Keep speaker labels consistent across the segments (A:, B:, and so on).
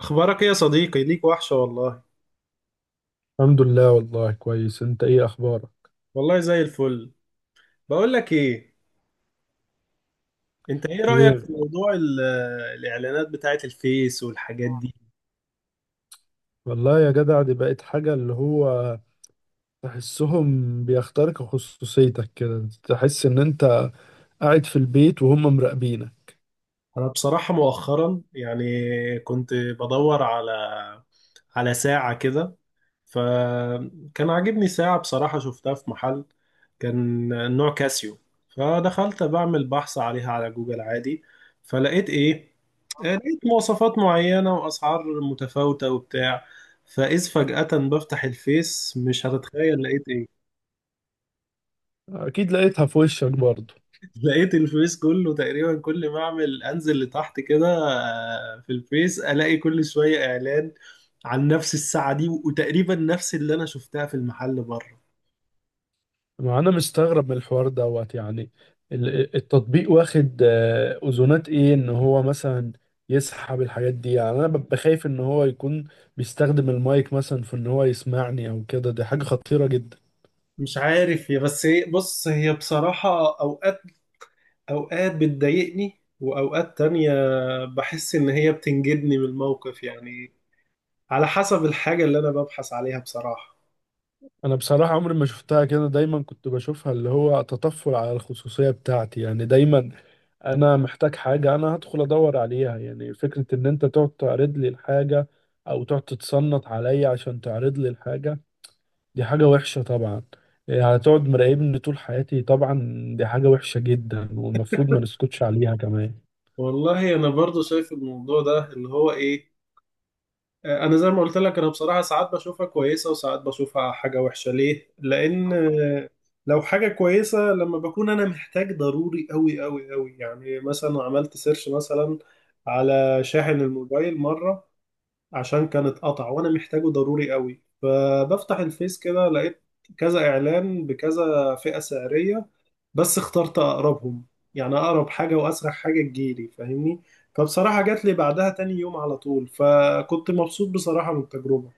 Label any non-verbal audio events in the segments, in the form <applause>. A: اخبارك ايه يا صديقي؟ ليك وحشة والله.
B: الحمد لله والله كويس. انت ايه اخبارك؟
A: والله زي الفل. بقول لك ايه، انت ايه رأيك
B: ايه،
A: في موضوع الاعلانات بتاعت الفيس والحاجات دي؟
B: والله يا جدع دي بقت حاجة اللي هو تحسهم بيخترقوا خصوصيتك كده، تحس ان انت قاعد في البيت وهم مراقبينك.
A: انا بصراحة مؤخرا يعني كنت بدور على ساعة كده. فكان عاجبني ساعة بصراحة شفتها في محل، كان نوع كاسيو. فدخلت بعمل بحث عليها على جوجل عادي. فلقيت ايه؟ لقيت مواصفات معينة وأسعار متفاوتة وبتاع. فإذ فجأة بفتح الفيس، مش هتتخيل لقيت ايه؟
B: اكيد لقيتها في وشك برضه.
A: <laughs> لقيت الفيس كله تقريبا، كل ما أعمل أنزل لتحت كده في الفيس ألاقي كل شوية إعلان عن نفس الساعة دي، وتقريبا نفس اللي أنا شفتها في المحل بره.
B: ما انا مستغرب من الحوار دوت، يعني التطبيق واخد اذونات ايه ان هو مثلا يسحب الحاجات دي، يعني انا ببقى خايف ان هو يكون بيستخدم المايك مثلا في ان هو يسمعني او كده. دي حاجة خطيرة جدا.
A: مش عارف، هي بس هي بص هي بصراحة أوقات بتضايقني، وأوقات تانية بحس إن هي بتنجدني من الموقف يعني، على حسب الحاجة اللي أنا ببحث عليها بصراحة.
B: انا بصراحة عمري ما شفتها كده، دايما كنت بشوفها اللي هو تطفل على الخصوصية بتاعتي يعني. دايما انا محتاج حاجة انا هدخل ادور عليها، يعني فكرة ان انت تقعد تعرض لي الحاجة او تقعد تتصنت عليا عشان تعرض لي الحاجة، دي حاجة وحشة طبعا. إيه، هتقعد مراقبني طول حياتي طبعا؟ دي حاجة وحشة جدا، والمفروض ما نسكتش عليها كمان.
A: والله أنا برضو شايف الموضوع ده اللي هو إيه. أنا زي ما قلت لك، أنا بصراحة ساعات بشوفها كويسة وساعات بشوفها حاجة وحشة. ليه؟ لأن لو حاجة كويسة لما بكون أنا محتاج ضروري أوي أوي أوي، يعني مثلا عملت سيرش مثلا على شاحن الموبايل مرة، عشان كان اتقطع وانا محتاجه ضروري قوي. فبفتح الفيس كده لقيت كذا اعلان بكذا فئة سعرية. بس اخترت اقربهم، يعني اقرب حاجة واسرع حاجة تجيلي، فاهمني؟ فبصراحة جات لي بعدها تاني يوم على طول، فكنت مبسوط بصراحة من التجربة.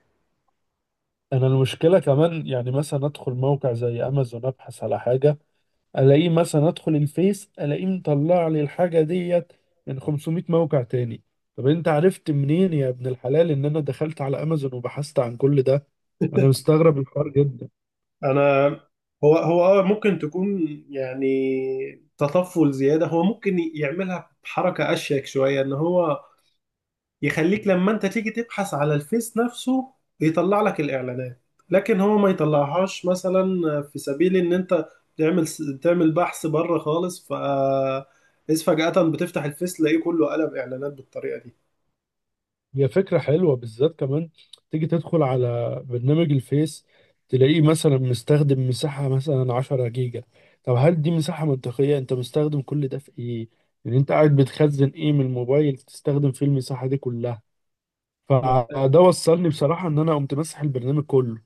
B: انا المشكلة كمان يعني مثلا ادخل موقع زي امازون ابحث على حاجة، الاقيه، مثلا ادخل الفيس الاقيه مطلع لي الحاجه ديت من 500 موقع تاني. طب انت عرفت منين يا ابن الحلال ان انا دخلت على امازون وبحثت عن كل ده؟ انا
A: <laughs>
B: مستغرب الحوار جدا.
A: انا هو هو اه ممكن تكون يعني تطفل زيادة، هو ممكن يعملها بحركة اشيك شوية، ان هو يخليك لما انت تيجي تبحث على الفيس نفسه يطلع لك الاعلانات. لكن هو ما يطلعهاش مثلا، في سبيل ان انت تعمل تعمل بحث بره خالص. إذ فجأة بتفتح الفيس تلاقيه كله قلب اعلانات بالطريقة دي.
B: هي فكره حلوه بالذات كمان، تيجي تدخل على برنامج الفيس تلاقيه مثلا مستخدم مساحه مثلا 10 جيجا. طب هل دي مساحه منطقيه؟ انت مستخدم كل ده في ايه؟ يعني انت قاعد بتخزن ايه من الموبايل تستخدم فيه المساحه دي كلها؟ فده وصلني بصراحة ان انا قمت مسح البرنامج كله.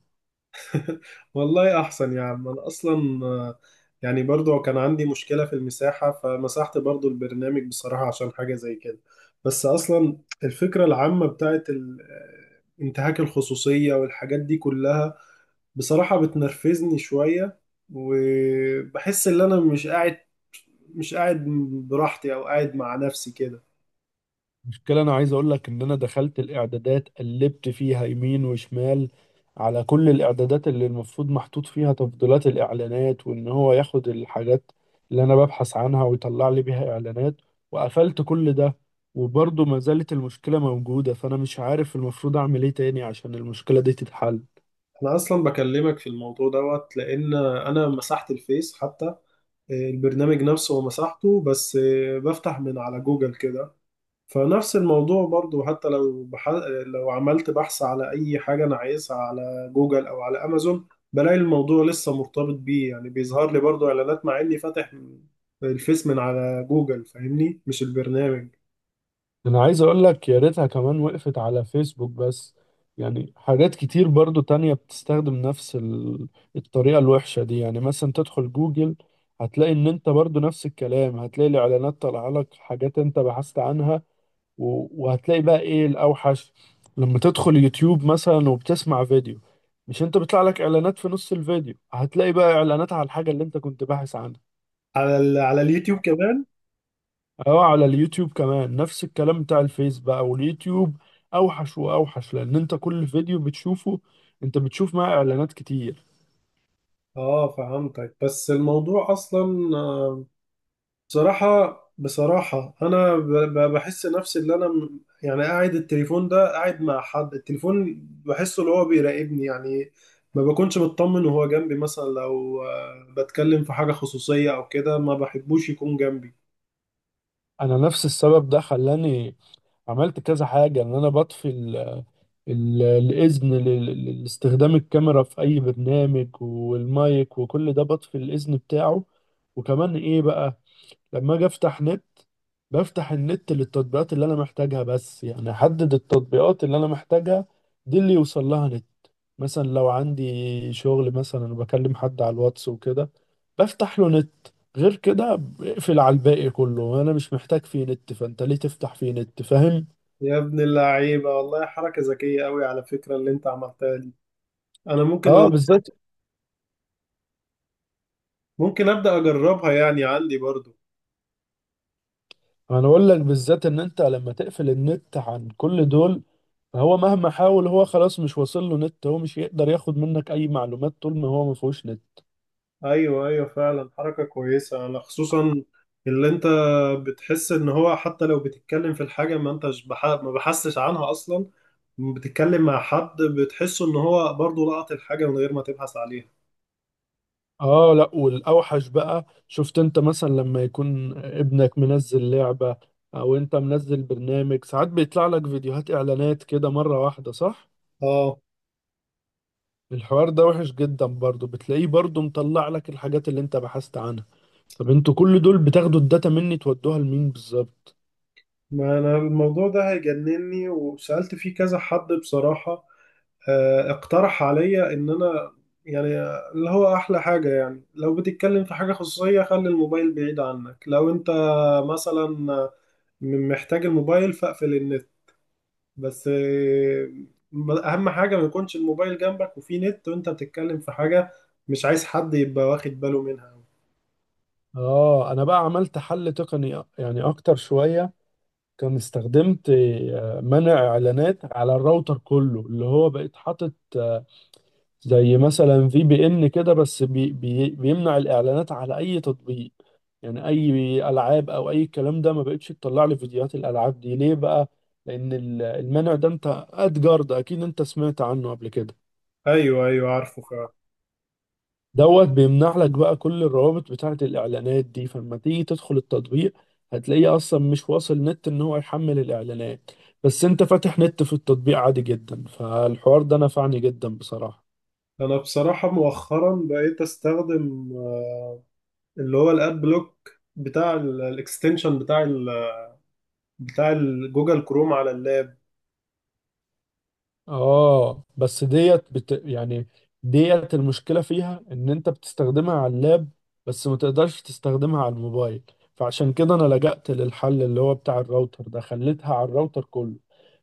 A: <laughs> والله احسن يا عم، انا اصلا يعني برضو كان عندي مشكلة في المساحة، فمسحت برضو البرنامج بصراحة عشان حاجة زي كده. بس اصلا الفكرة العامة بتاعت انتهاك الخصوصية والحاجات دي كلها بصراحة بتنرفزني شوية. وبحس ان انا مش قاعد براحتي او قاعد مع نفسي كده.
B: المشكلة انا عايز اقول لك ان انا دخلت الاعدادات، قلبت فيها يمين وشمال، على كل الاعدادات اللي المفروض محطوط فيها تفضيلات الاعلانات وان هو ياخد الحاجات اللي انا ببحث عنها ويطلع لي بيها اعلانات، وقفلت كل ده، وبرضه ما زالت المشكلة موجودة. فانا مش عارف المفروض اعمل ايه تاني عشان المشكلة دي تتحل.
A: انا اصلا بكلمك في الموضوع دوت، لان انا مسحت الفيس حتى، البرنامج نفسه، ومسحته. بس بفتح من على جوجل كده. فنفس الموضوع برضو، حتى لو عملت بحث على أي حاجة أنا عايزها على جوجل أو على أمازون، بلاقي الموضوع لسه مرتبط بيه، يعني بيظهر لي برضو إعلانات مع إني فاتح الفيس من على جوجل، فاهمني؟ مش البرنامج.
B: انا عايز اقول لك يا ريتها كمان وقفت على فيسبوك بس، يعني حاجات كتير برضو تانية بتستخدم نفس الطريقة الوحشة دي. يعني مثلا تدخل جوجل، هتلاقي ان انت برضو نفس الكلام، هتلاقي الاعلانات طالعة لك حاجات انت بحثت عنها. وهتلاقي بقى ايه الاوحش؟ لما تدخل يوتيوب مثلا وبتسمع فيديو، مش انت بيطلع لك اعلانات في نص الفيديو؟ هتلاقي بقى اعلانات على الحاجة اللي انت كنت باحث عنها.
A: على اليوتيوب كمان.
B: اه، على اليوتيوب كمان نفس الكلام بتاع الفيس بقى. واليوتيوب اوحش واوحش، لان انت كل فيديو بتشوفه انت بتشوف معاه اعلانات كتير.
A: اه، فهمتك. بس الموضوع اصلا، بصراحة أنا بحس نفسي اللي أنا يعني قاعد التليفون ده، قاعد مع حد، التليفون بحسه اللي هو بيراقبني يعني. ما بكونش مطمن وهو جنبي، مثلا لو بتكلم في حاجة خصوصية أو كده ما بحبوش يكون جنبي.
B: انا نفس السبب ده خلاني عملت كذا حاجة، ان انا بطفي الاذن لاستخدام الكاميرا في اي برنامج والمايك وكل ده، بطفي الاذن بتاعه. وكمان ايه بقى؟ لما اجي افتح نت، بفتح النت للتطبيقات اللي انا محتاجها بس، يعني احدد التطبيقات اللي انا محتاجها دي اللي يوصل لها نت. مثلا لو عندي شغل مثلا، وبكلم حد على الواتس وكده، بفتح له نت. غير كده بقفل على الباقي كله، انا مش محتاج فيه نت، فانت ليه تفتح فيه نت؟ فاهم؟
A: يا ابن اللعيبة والله، حركة ذكية أوي على فكرة اللي أنت عملتها دي. أنا
B: اه، بالذات.
A: ممكن أبدأ أجربها يعني، عندي برضو.
B: انا اقول لك، بالذات ان انت لما تقفل النت عن كل دول، هو مهما حاول هو خلاص مش واصل له نت، هو مش هيقدر ياخد منك اي معلومات طول ما هو ما فيهوش نت.
A: ايوه، ايوه، فعلا حركه كويسه. انا خصوصا اللي انت، بتحس ان هو حتى لو بتتكلم في الحاجه ما انتش بح... ما بحسش عنها اصلا. بتتكلم مع حد بتحسه ان هو برضه لقط الحاجه من غير ما تبحث عليها.
B: اه، لا، والاوحش بقى، شفت انت مثلا لما يكون ابنك منزل لعبة او انت منزل برنامج، ساعات بيطلع لك فيديوهات اعلانات كده مرة واحدة، صح؟
A: اه،
B: الحوار ده وحش جدا. برضو بتلاقيه برضو مطلع لك الحاجات اللي انت بحثت عنها. طب انتوا كل دول بتاخدوا الداتا مني تودوها لمين بالظبط؟
A: ما انا الموضوع ده هيجنني، وسالت فيه كذا حد بصراحه. اقترح عليا ان انا يعني، اللي هو احلى حاجه، يعني لو بتتكلم في حاجه خصوصيه خلي الموبايل بعيد عنك. لو انت مثلا محتاج الموبايل، فاقفل النت. بس اهم حاجه ما يكونش الموبايل جنبك وفيه نت وانت بتتكلم في حاجه مش عايز حد يبقى واخد باله منها.
B: اه، انا بقى عملت حل تقني يعني اكتر شوية. كان استخدمت منع اعلانات على الراوتر كله، اللي هو بقيت حاطط زي مثلا في بي ان كده، بس بي بيمنع الاعلانات على اي تطبيق، يعني اي العاب او اي الكلام ده ما بقتش تطلع لي. فيديوهات الالعاب دي ليه بقى؟ لان المنع ده، انت ادجار ده اكيد انت سمعت عنه قبل كده،
A: ايوه، ايوه، عارفه فعلا.
B: دوت بيمنع لك بقى كل الروابط بتاعه الاعلانات دي. فلما تيجي تدخل التطبيق هتلاقيه اصلا مش واصل نت ان هو يحمل الاعلانات، بس انت فاتح نت في التطبيق عادي جدا، فالحوار ده نفعني جدا بصراحة.
A: انا بصراحه مؤخرا بقيت استخدم اللي هو الاد بلوك بتاع الاكستنشن بتاع جوجل كروم على اللاب.
B: اه، بس يعني ديت المشكلة فيها ان انت بتستخدمها على اللاب بس، ما تقدرش تستخدمها على الموبايل. فعشان كده انا لجأت للحل اللي هو بتاع الراوتر ده، خليتها على الراوتر كله.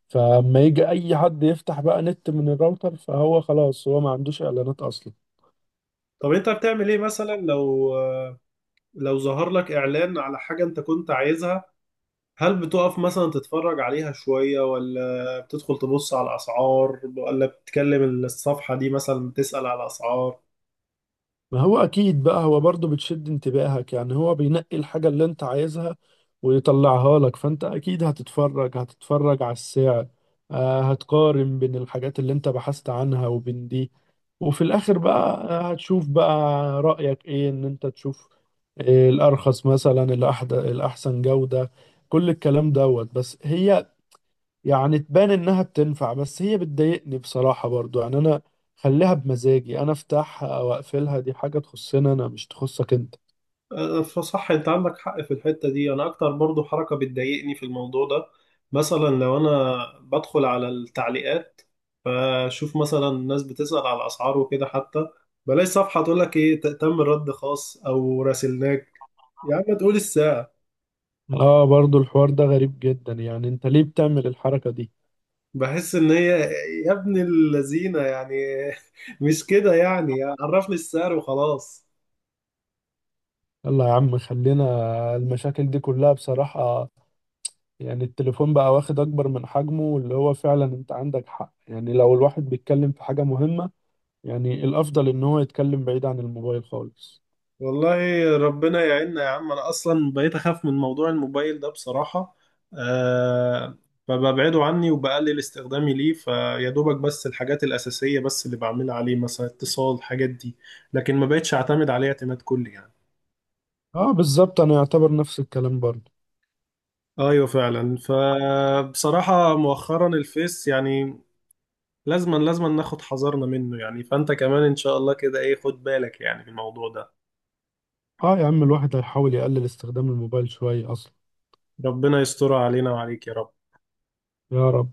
B: فلما يجي اي حد يفتح بقى نت من الراوتر، فهو خلاص هو ما عندوش اعلانات اصلا.
A: طب انت بتعمل ايه مثلا، لو ظهر لك اعلان على حاجه انت كنت عايزها، هل بتقف مثلا تتفرج عليها شوية، ولا بتدخل تبص على الأسعار، ولا بتكلم الصفحة دي مثلا بتسأل على الأسعار؟
B: ما هو اكيد بقى هو برضه بتشد انتباهك، يعني هو بينقي الحاجة اللي انت عايزها ويطلعها لك، فانت اكيد هتتفرج على السعر، هتقارن بين الحاجات اللي انت بحثت عنها وبين دي، وفي الاخر بقى هتشوف بقى رأيك ايه، ان انت تشوف الارخص مثلا، الاحسن جودة، كل الكلام دوت. بس هي يعني تبان انها بتنفع، بس هي بتضايقني بصراحة برضو. يعني انا خليها بمزاجي، انا افتحها او اقفلها، دي حاجة تخصنا انا، مش تخصك انت.
A: أه، فصح، أنت عندك حق في الحتة دي. أنا أكتر برضو حركة بتضايقني في الموضوع ده، مثلا لو أنا بدخل على التعليقات فشوف مثلا الناس بتسأل على الأسعار وكده، حتى بلاقي صفحة تقول لك إيه، تم رد خاص أو راسلناك. يا عم تقول السعر.
B: اه، برضو الحوار ده غريب جدا، يعني انت ليه بتعمل الحركة دي؟
A: بحس ان هي، يا ابن اللذينه يعني، <laughs> مش كده يعني؟ عرفني السعر وخلاص.
B: يلا يا عم خلينا، المشاكل دي كلها بصراحة، يعني التليفون بقى واخد اكبر من حجمه اللي هو. فعلا انت عندك حق، يعني لو الواحد بيتكلم في حاجة مهمة، يعني الافضل ان هو يتكلم بعيد عن الموبايل خالص.
A: والله ربنا يعيننا يا عم. انا اصلا بقيت اخاف من موضوع الموبايل ده بصراحة. أه، فببعده عني وبقلل استخدامي ليه، فيا دوبك بس الحاجات الأساسية بس اللي بعملها عليه، مثلا اتصال، الحاجات دي. لكن ما بقتش اعتمد عليه اعتماد كلي يعني.
B: اه، بالظبط، انا يعتبر نفس الكلام برضو.
A: ايوه فعلا. فبصراحة مؤخرا الفيس يعني، لازما لازما ناخد حذرنا منه يعني. فانت كمان ان شاء الله كده ايه، خد بالك يعني في الموضوع ده.
B: اه، يا عم الواحد هيحاول يقلل استخدام الموبايل شوية اصلا.
A: ربنا يسترها علينا وعليك يا رب.
B: يا رب.